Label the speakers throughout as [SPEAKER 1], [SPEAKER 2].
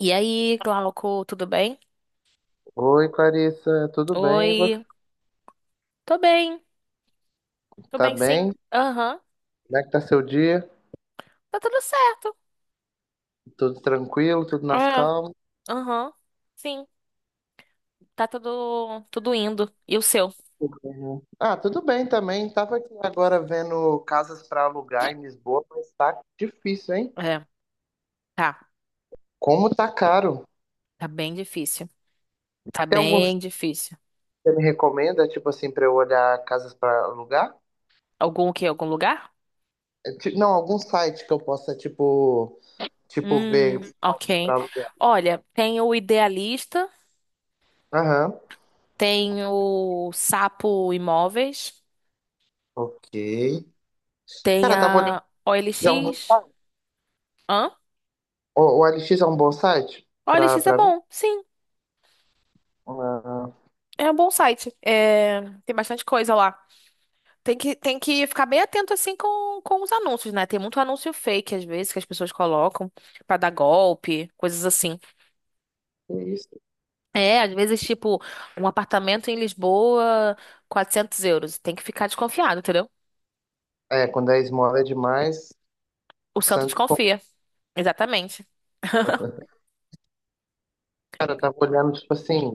[SPEAKER 1] E aí, Glauco, tudo bem?
[SPEAKER 2] Oi, Clarissa, tudo bem? E você?
[SPEAKER 1] Oi, tô bem, tô
[SPEAKER 2] Tá
[SPEAKER 1] bem sim.
[SPEAKER 2] bem?
[SPEAKER 1] Aham,
[SPEAKER 2] Como é que tá seu dia?
[SPEAKER 1] tá tudo certo.
[SPEAKER 2] Tudo tranquilo, tudo nas
[SPEAKER 1] É,
[SPEAKER 2] calmas?
[SPEAKER 1] aham, sim, tá tudo indo. E o seu?
[SPEAKER 2] Ah, tudo bem também. Tava aqui agora vendo casas para alugar em Lisboa, mas tá difícil, hein?
[SPEAKER 1] É, tá,
[SPEAKER 2] Como tá caro?
[SPEAKER 1] tá bem difícil. Tá
[SPEAKER 2] Tem algum
[SPEAKER 1] bem
[SPEAKER 2] site
[SPEAKER 1] difícil.
[SPEAKER 2] que você me recomenda, tipo assim, para eu olhar casas para alugar?
[SPEAKER 1] Algum o quê? Algum lugar?
[SPEAKER 2] É, Não, algum site que eu possa, tipo, tipo ver
[SPEAKER 1] Ok.
[SPEAKER 2] para alugar.
[SPEAKER 1] Olha, tem o Idealista,
[SPEAKER 2] Aham,
[SPEAKER 1] tem o Sapo Imóveis,
[SPEAKER 2] ok.
[SPEAKER 1] tem
[SPEAKER 2] Cara, tava olhando,
[SPEAKER 1] a
[SPEAKER 2] é um
[SPEAKER 1] OLX.
[SPEAKER 2] bom-
[SPEAKER 1] Hã?
[SPEAKER 2] o OLX é um bom site para
[SPEAKER 1] OLX é
[SPEAKER 2] para ver?
[SPEAKER 1] bom, sim,
[SPEAKER 2] Ah,
[SPEAKER 1] é um bom site. É, tem bastante coisa lá. Tem que ficar bem atento assim com os anúncios, né? Tem muito anúncio fake, às vezes, que as pessoas colocam pra dar golpe, coisas assim.
[SPEAKER 2] que isso?
[SPEAKER 1] É, às vezes, tipo, um apartamento em Lisboa, €400. Tem que ficar desconfiado, entendeu?
[SPEAKER 2] É, quando a esmola é demais,
[SPEAKER 1] O
[SPEAKER 2] o
[SPEAKER 1] santo
[SPEAKER 2] Santos como
[SPEAKER 1] desconfia. Exatamente.
[SPEAKER 2] tava olhando, tipo assim,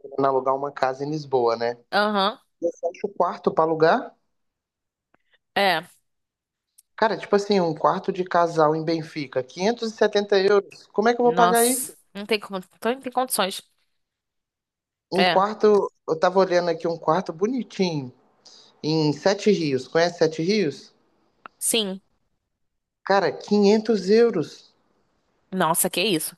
[SPEAKER 2] querendo alugar uma casa em Lisboa, né?
[SPEAKER 1] Aham.
[SPEAKER 2] Eu acho o quarto pra alugar.
[SPEAKER 1] É.
[SPEAKER 2] Cara, tipo assim, um quarto de casal em Benfica, 570 euros. Como é que eu vou pagar
[SPEAKER 1] Nossa.
[SPEAKER 2] isso?
[SPEAKER 1] Não tem como. Então, não tem condições.
[SPEAKER 2] Um
[SPEAKER 1] É.
[SPEAKER 2] quarto, eu tava olhando aqui um quarto bonitinho, em Sete Rios. Conhece Sete Rios?
[SPEAKER 1] Sim.
[SPEAKER 2] Cara, 500 euros.
[SPEAKER 1] Nossa, que isso?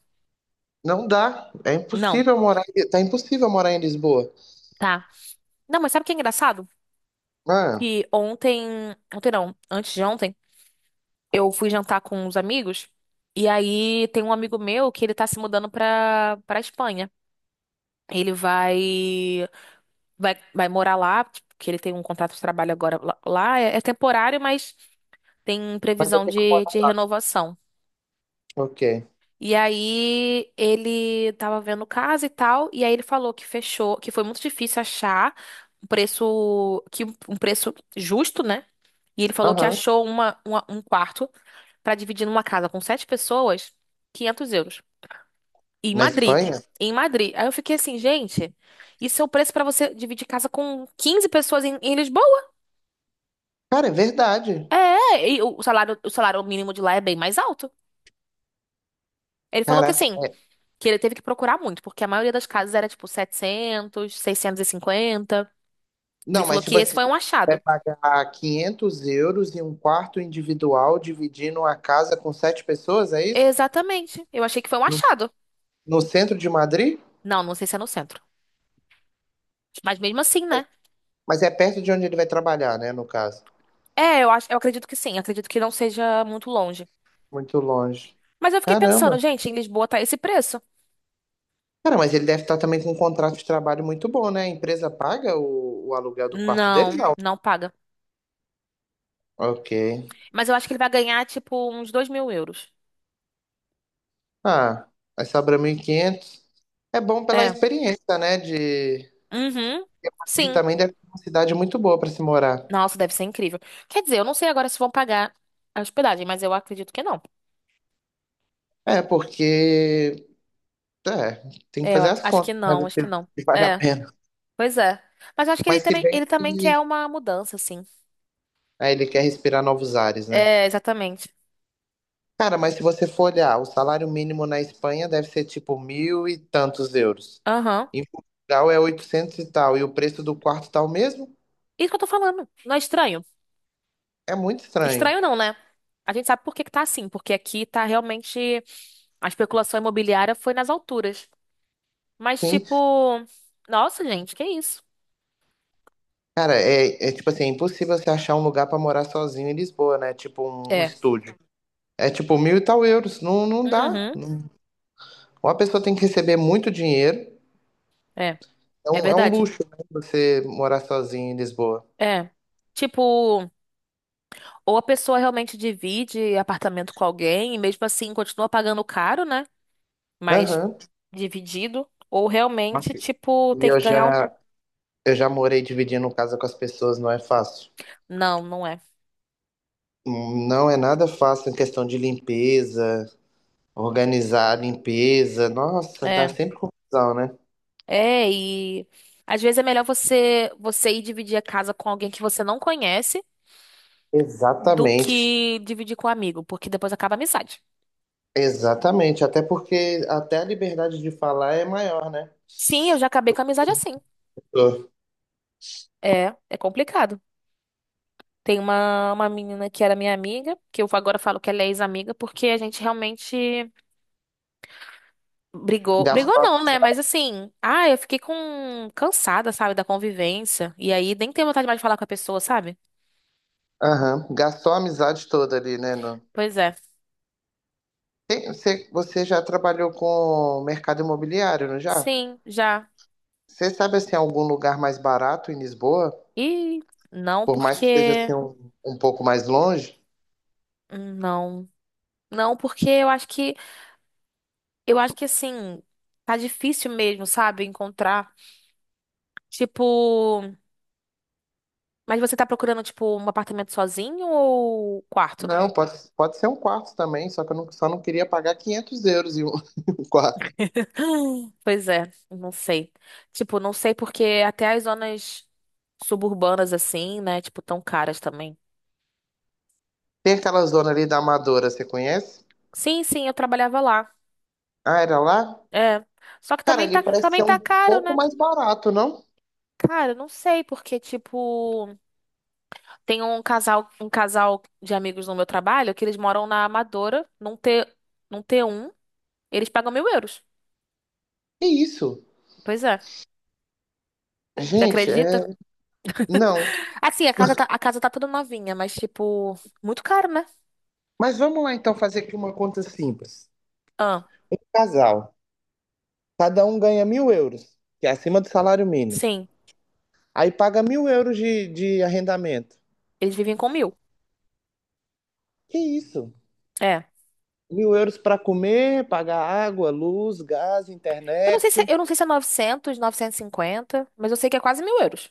[SPEAKER 2] Não dá. É
[SPEAKER 1] Não.
[SPEAKER 2] impossível morar. Tá impossível morar em Lisboa.
[SPEAKER 1] Tá. Não, mas sabe o que é engraçado?
[SPEAKER 2] Ah,
[SPEAKER 1] Que ontem. Ontem não. Antes de ontem. Eu fui jantar com uns amigos e aí tem um amigo meu que ele tá se mudando pra para Espanha. Ele vai morar lá, tipo, que ele tem um contrato de trabalho agora lá. É, temporário, mas tem
[SPEAKER 2] mas vai
[SPEAKER 1] previsão
[SPEAKER 2] ter que
[SPEAKER 1] de
[SPEAKER 2] morar.
[SPEAKER 1] renovação.
[SPEAKER 2] Ok.
[SPEAKER 1] E aí ele tava vendo casa e tal, e aí ele falou que fechou, que foi muito difícil achar um preço que um preço justo, né? E ele falou que
[SPEAKER 2] Aham.
[SPEAKER 1] achou um quarto pra dividir numa casa com sete pessoas, €500. E em
[SPEAKER 2] Na
[SPEAKER 1] Madrid.
[SPEAKER 2] Espanha?
[SPEAKER 1] E em Madrid. Aí eu fiquei assim, gente, isso é o preço pra você dividir casa com 15 pessoas em Lisboa?
[SPEAKER 2] Cara, é verdade.
[SPEAKER 1] É, é, e o salário mínimo de lá é bem mais alto. Ele falou que
[SPEAKER 2] Caraca.
[SPEAKER 1] assim, que ele teve que procurar muito, porque a maioria das casas era tipo 700, 650. Ele
[SPEAKER 2] Não,
[SPEAKER 1] falou
[SPEAKER 2] mas
[SPEAKER 1] que
[SPEAKER 2] tipo
[SPEAKER 1] esse
[SPEAKER 2] assim,
[SPEAKER 1] foi um
[SPEAKER 2] vai
[SPEAKER 1] achado.
[SPEAKER 2] pagar 500 euros em um quarto individual dividindo a casa com 7 pessoas, é isso?
[SPEAKER 1] Exatamente. Eu achei que foi um
[SPEAKER 2] No,
[SPEAKER 1] achado.
[SPEAKER 2] no centro de Madrid?
[SPEAKER 1] Não, não sei se é no centro. Mas mesmo assim, né?
[SPEAKER 2] Mas é perto de onde ele vai trabalhar, né, no caso.
[SPEAKER 1] É, eu acho, eu acredito que sim. Acredito que não seja muito longe.
[SPEAKER 2] Muito longe.
[SPEAKER 1] Mas eu fiquei pensando,
[SPEAKER 2] Caramba.
[SPEAKER 1] gente, em Lisboa tá esse preço?
[SPEAKER 2] Cara, mas ele deve estar também com um contrato de trabalho muito bom, né? A empresa paga o aluguel do quarto dele?
[SPEAKER 1] Não,
[SPEAKER 2] Não.
[SPEAKER 1] não paga.
[SPEAKER 2] Ok.
[SPEAKER 1] Mas eu acho que ele vai ganhar, tipo, uns 2 mil euros.
[SPEAKER 2] Ah, vai sobrar 1.500. É bom pela
[SPEAKER 1] É.
[SPEAKER 2] experiência, né? De...
[SPEAKER 1] Uhum.
[SPEAKER 2] E
[SPEAKER 1] Sim.
[SPEAKER 2] também deve ser uma cidade muito boa para se morar.
[SPEAKER 1] Nossa, deve ser incrível. Quer dizer, eu não sei agora se vão pagar a hospedagem, mas eu acredito que não.
[SPEAKER 2] É, porque É, tem que
[SPEAKER 1] É, eu
[SPEAKER 2] fazer
[SPEAKER 1] a-
[SPEAKER 2] as
[SPEAKER 1] acho
[SPEAKER 2] contas,
[SPEAKER 1] que
[SPEAKER 2] né?
[SPEAKER 1] não,
[SPEAKER 2] Ver
[SPEAKER 1] acho
[SPEAKER 2] se
[SPEAKER 1] que não.
[SPEAKER 2] vale a
[SPEAKER 1] É,
[SPEAKER 2] pena.
[SPEAKER 1] pois é. Mas eu acho que ele
[SPEAKER 2] Mas se
[SPEAKER 1] também,
[SPEAKER 2] bem
[SPEAKER 1] ele também
[SPEAKER 2] que
[SPEAKER 1] quer uma mudança, assim.
[SPEAKER 2] aí ele quer respirar novos ares, né?
[SPEAKER 1] É, exatamente.
[SPEAKER 2] Cara, mas se você for olhar, o salário mínimo na Espanha deve ser tipo 1.000 e tantos euros.
[SPEAKER 1] Aham.
[SPEAKER 2] Em Portugal é 800 e tal, e o preço do quarto tá o mesmo?
[SPEAKER 1] Isso que eu tô falando. Não é estranho?
[SPEAKER 2] É muito estranho.
[SPEAKER 1] Estranho não, né? A gente sabe por que que tá assim, porque aqui tá realmente. A especulação imobiliária foi nas alturas. Mas,
[SPEAKER 2] Sim,
[SPEAKER 1] tipo, nossa, gente, que isso?
[SPEAKER 2] cara, é, é tipo assim, é impossível você achar um lugar pra morar sozinho em Lisboa, né? Tipo um
[SPEAKER 1] É.
[SPEAKER 2] estúdio. É tipo 1.000 e tal euros, não, não dá.
[SPEAKER 1] Uhum.
[SPEAKER 2] Não- Ou a pessoa tem que receber muito dinheiro.
[SPEAKER 1] É.
[SPEAKER 2] É
[SPEAKER 1] É
[SPEAKER 2] é um
[SPEAKER 1] verdade.
[SPEAKER 2] luxo, né, você morar sozinho em Lisboa.
[SPEAKER 1] É. Tipo, ou a pessoa realmente divide apartamento com alguém e mesmo assim continua pagando caro, né? Mas
[SPEAKER 2] Aham.
[SPEAKER 1] dividido. Ou realmente, tipo,
[SPEAKER 2] E
[SPEAKER 1] ter que
[SPEAKER 2] eu
[SPEAKER 1] ganhar um.
[SPEAKER 2] já, eu já morei dividindo casa com as pessoas, não é fácil.
[SPEAKER 1] Não, não é.
[SPEAKER 2] Não é nada fácil em questão de limpeza, organizar a limpeza. Nossa, dá
[SPEAKER 1] É.
[SPEAKER 2] sempre confusão, né?
[SPEAKER 1] É, e às vezes é melhor você ir dividir a casa com alguém que você não conhece do
[SPEAKER 2] Exatamente.
[SPEAKER 1] que dividir com um amigo, porque depois acaba a amizade.
[SPEAKER 2] Exatamente. Até porque até a liberdade de falar é maior, né?
[SPEAKER 1] Sim, eu já acabei com a amizade assim.
[SPEAKER 2] Tô.
[SPEAKER 1] É, complicado. Tem uma menina que era minha amiga, que eu agora falo que ela é ex-amiga, porque a gente realmente brigou. Brigou
[SPEAKER 2] Gastou,
[SPEAKER 1] não, né? Mas assim, ah, eu fiquei com cansada, sabe, da convivência. E aí nem tenho vontade mais de falar com a pessoa, sabe?
[SPEAKER 2] aham, gastou a amizade toda ali, né?
[SPEAKER 1] Pois é.
[SPEAKER 2] Você, já trabalhou com mercado imobiliário, não já?
[SPEAKER 1] Sim, já.
[SPEAKER 2] Você sabe assim algum lugar mais barato em Lisboa?
[SPEAKER 1] E não
[SPEAKER 2] Por mais que seja
[SPEAKER 1] porque.
[SPEAKER 2] assim um pouco mais longe?
[SPEAKER 1] Não. Não, porque eu acho que. Eu acho que assim. Tá difícil mesmo, sabe? Encontrar. Tipo. Mas você tá procurando, tipo, um apartamento sozinho ou quarto?
[SPEAKER 2] Não, pode ser um quarto também, só que eu não, só não queria pagar 500 euros em um, em um quarto.
[SPEAKER 1] Pois é, não sei. Tipo, não sei porque até as zonas suburbanas assim, né, tipo, tão caras também.
[SPEAKER 2] Tem aquela zona ali da Amadora, você conhece?
[SPEAKER 1] Sim, sim, eu trabalhava lá.
[SPEAKER 2] Ah, era lá?
[SPEAKER 1] É. Só que
[SPEAKER 2] Cara,
[SPEAKER 1] também tá,
[SPEAKER 2] ali parece
[SPEAKER 1] também
[SPEAKER 2] ser
[SPEAKER 1] tá
[SPEAKER 2] um
[SPEAKER 1] caro,
[SPEAKER 2] pouco
[SPEAKER 1] né?
[SPEAKER 2] mais barato, não?
[SPEAKER 1] Cara, não sei porque tipo, tem um casal de amigos no meu trabalho que eles moram na Amadora, num T um eles pagam mil euros.
[SPEAKER 2] Que isso?
[SPEAKER 1] Pois é. Você
[SPEAKER 2] Gente,
[SPEAKER 1] acredita?
[SPEAKER 2] é... não.
[SPEAKER 1] Assim, a casa tá toda novinha, mas tipo, muito caro, né?
[SPEAKER 2] Mas vamos lá então fazer aqui uma conta simples.
[SPEAKER 1] Ah,
[SPEAKER 2] Casal, cada um ganha 1.000 euros, que é acima do salário mínimo.
[SPEAKER 1] sim,
[SPEAKER 2] Aí paga 1.000 euros de arrendamento.
[SPEAKER 1] eles vivem com mil.
[SPEAKER 2] Que isso?
[SPEAKER 1] É.
[SPEAKER 2] Mil euros para comer, pagar água, luz, gás,
[SPEAKER 1] Eu não sei se,
[SPEAKER 2] internet.
[SPEAKER 1] eu não sei se é 900, 950, mas eu sei que é quase mil euros.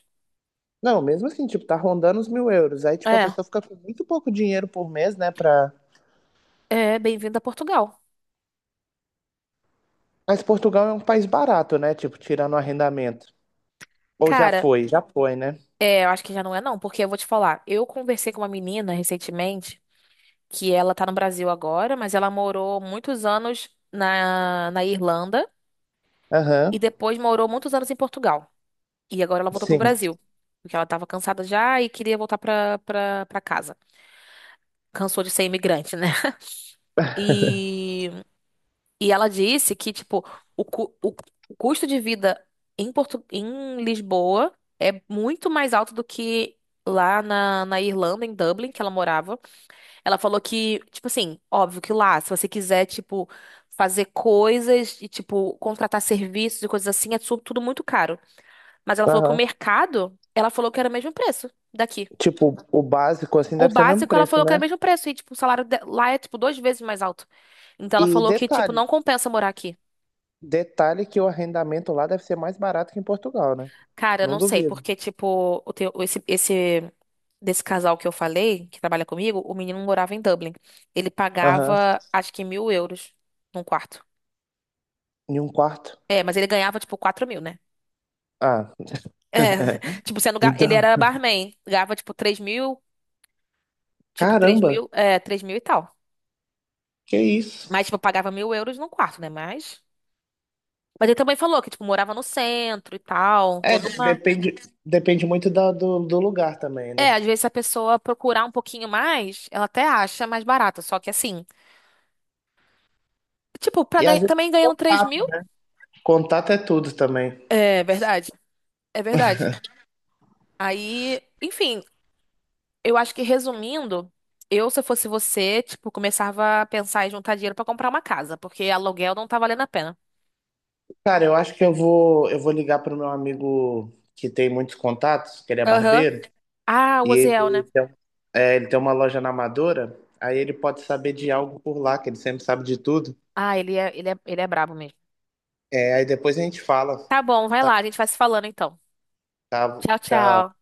[SPEAKER 2] Não, mesmo assim, tipo, tá rondando os 1.000 euros. Aí, tipo, a
[SPEAKER 1] É,
[SPEAKER 2] pessoa fica com muito pouco dinheiro por mês, né? Pra...
[SPEAKER 1] é, bem-vindo a Portugal.
[SPEAKER 2] Mas Portugal é um país barato, né? Tipo, tirando o arrendamento. Ou
[SPEAKER 1] Cara,
[SPEAKER 2] já foi, né?
[SPEAKER 1] é, eu acho que já não é não, porque eu vou te falar, eu conversei com uma menina recentemente, que ela tá no Brasil agora, mas ela morou muitos anos na Irlanda e
[SPEAKER 2] Aham,
[SPEAKER 1] depois morou muitos anos em Portugal. E agora ela voltou pro
[SPEAKER 2] sim.
[SPEAKER 1] Brasil, porque ela tava cansada já e queria voltar pra casa. Cansou de ser imigrante, né? E E ela disse que, tipo, o, cu- o, o custo de vida em, Portu em Lisboa é muito mais alto do que lá na Irlanda, em Dublin, que ela morava. Ela falou que, tipo assim, óbvio que lá, se você quiser, tipo, fazer coisas e, tipo, contratar serviços e coisas assim, é tudo muito caro. Mas ela falou que o
[SPEAKER 2] Aham.
[SPEAKER 1] mercado, ela falou que era o mesmo preço daqui.
[SPEAKER 2] Tipo, o básico, assim,
[SPEAKER 1] O
[SPEAKER 2] deve ser o mesmo
[SPEAKER 1] básico, ela
[SPEAKER 2] preço,
[SPEAKER 1] falou que era o
[SPEAKER 2] né?
[SPEAKER 1] mesmo preço. E, tipo, o salário lá é, tipo, duas vezes mais alto. Então, ela
[SPEAKER 2] E
[SPEAKER 1] falou que, tipo, não compensa morar aqui.
[SPEAKER 2] detalhe que o arrendamento lá deve ser mais barato que em Portugal, né?
[SPEAKER 1] Cara,
[SPEAKER 2] Não
[SPEAKER 1] não sei,
[SPEAKER 2] duvido.
[SPEAKER 1] porque, tipo, esse desse casal que eu falei, que trabalha comigo, o menino morava em Dublin. Ele
[SPEAKER 2] Aham.
[SPEAKER 1] pagava, acho que mil euros num quarto.
[SPEAKER 2] Em um quarto.
[SPEAKER 1] É, mas ele ganhava, tipo, 4 mil, né?
[SPEAKER 2] Ah,
[SPEAKER 1] É, tipo, sendo, ele
[SPEAKER 2] então.
[SPEAKER 1] era barman, ganhava, tipo,
[SPEAKER 2] Caramba!
[SPEAKER 1] três mil e tal.
[SPEAKER 2] Que isso?
[SPEAKER 1] Mas, tipo, pagava mil euros num quarto, né? Mas ele também falou que, tipo, morava no centro e tal,
[SPEAKER 2] É,
[SPEAKER 1] toda uma...
[SPEAKER 2] depende, depende muito do lugar também, né?
[SPEAKER 1] É, às vezes se a pessoa procurar um pouquinho mais, ela até acha mais barato, só que assim... Tipo,
[SPEAKER 2] E às vezes
[SPEAKER 1] também ganhando 3
[SPEAKER 2] contato.
[SPEAKER 1] mil?
[SPEAKER 2] Contato é tudo também.
[SPEAKER 1] É verdade, é verdade. Aí, enfim, eu acho que resumindo, eu, se eu fosse você, tipo, começava a pensar em juntar dinheiro pra comprar uma casa, porque aluguel não tá valendo a pena.
[SPEAKER 2] Cara, eu acho que eu vou ligar pro meu amigo que tem muitos contatos, que ele é
[SPEAKER 1] Aham.
[SPEAKER 2] barbeiro,
[SPEAKER 1] Ah, o
[SPEAKER 2] e
[SPEAKER 1] Oziel,
[SPEAKER 2] ele
[SPEAKER 1] né?
[SPEAKER 2] tem, é, ele tem uma loja na Amadora, aí ele pode saber de algo por lá, que ele sempre sabe de tudo.
[SPEAKER 1] Ah, ele é brabo mesmo.
[SPEAKER 2] É, aí depois a gente fala.
[SPEAKER 1] Tá bom, vai
[SPEAKER 2] Tá,
[SPEAKER 1] lá, a gente vai se falando então.
[SPEAKER 2] Tá,
[SPEAKER 1] Tchau,
[SPEAKER 2] tchau.
[SPEAKER 1] tchau.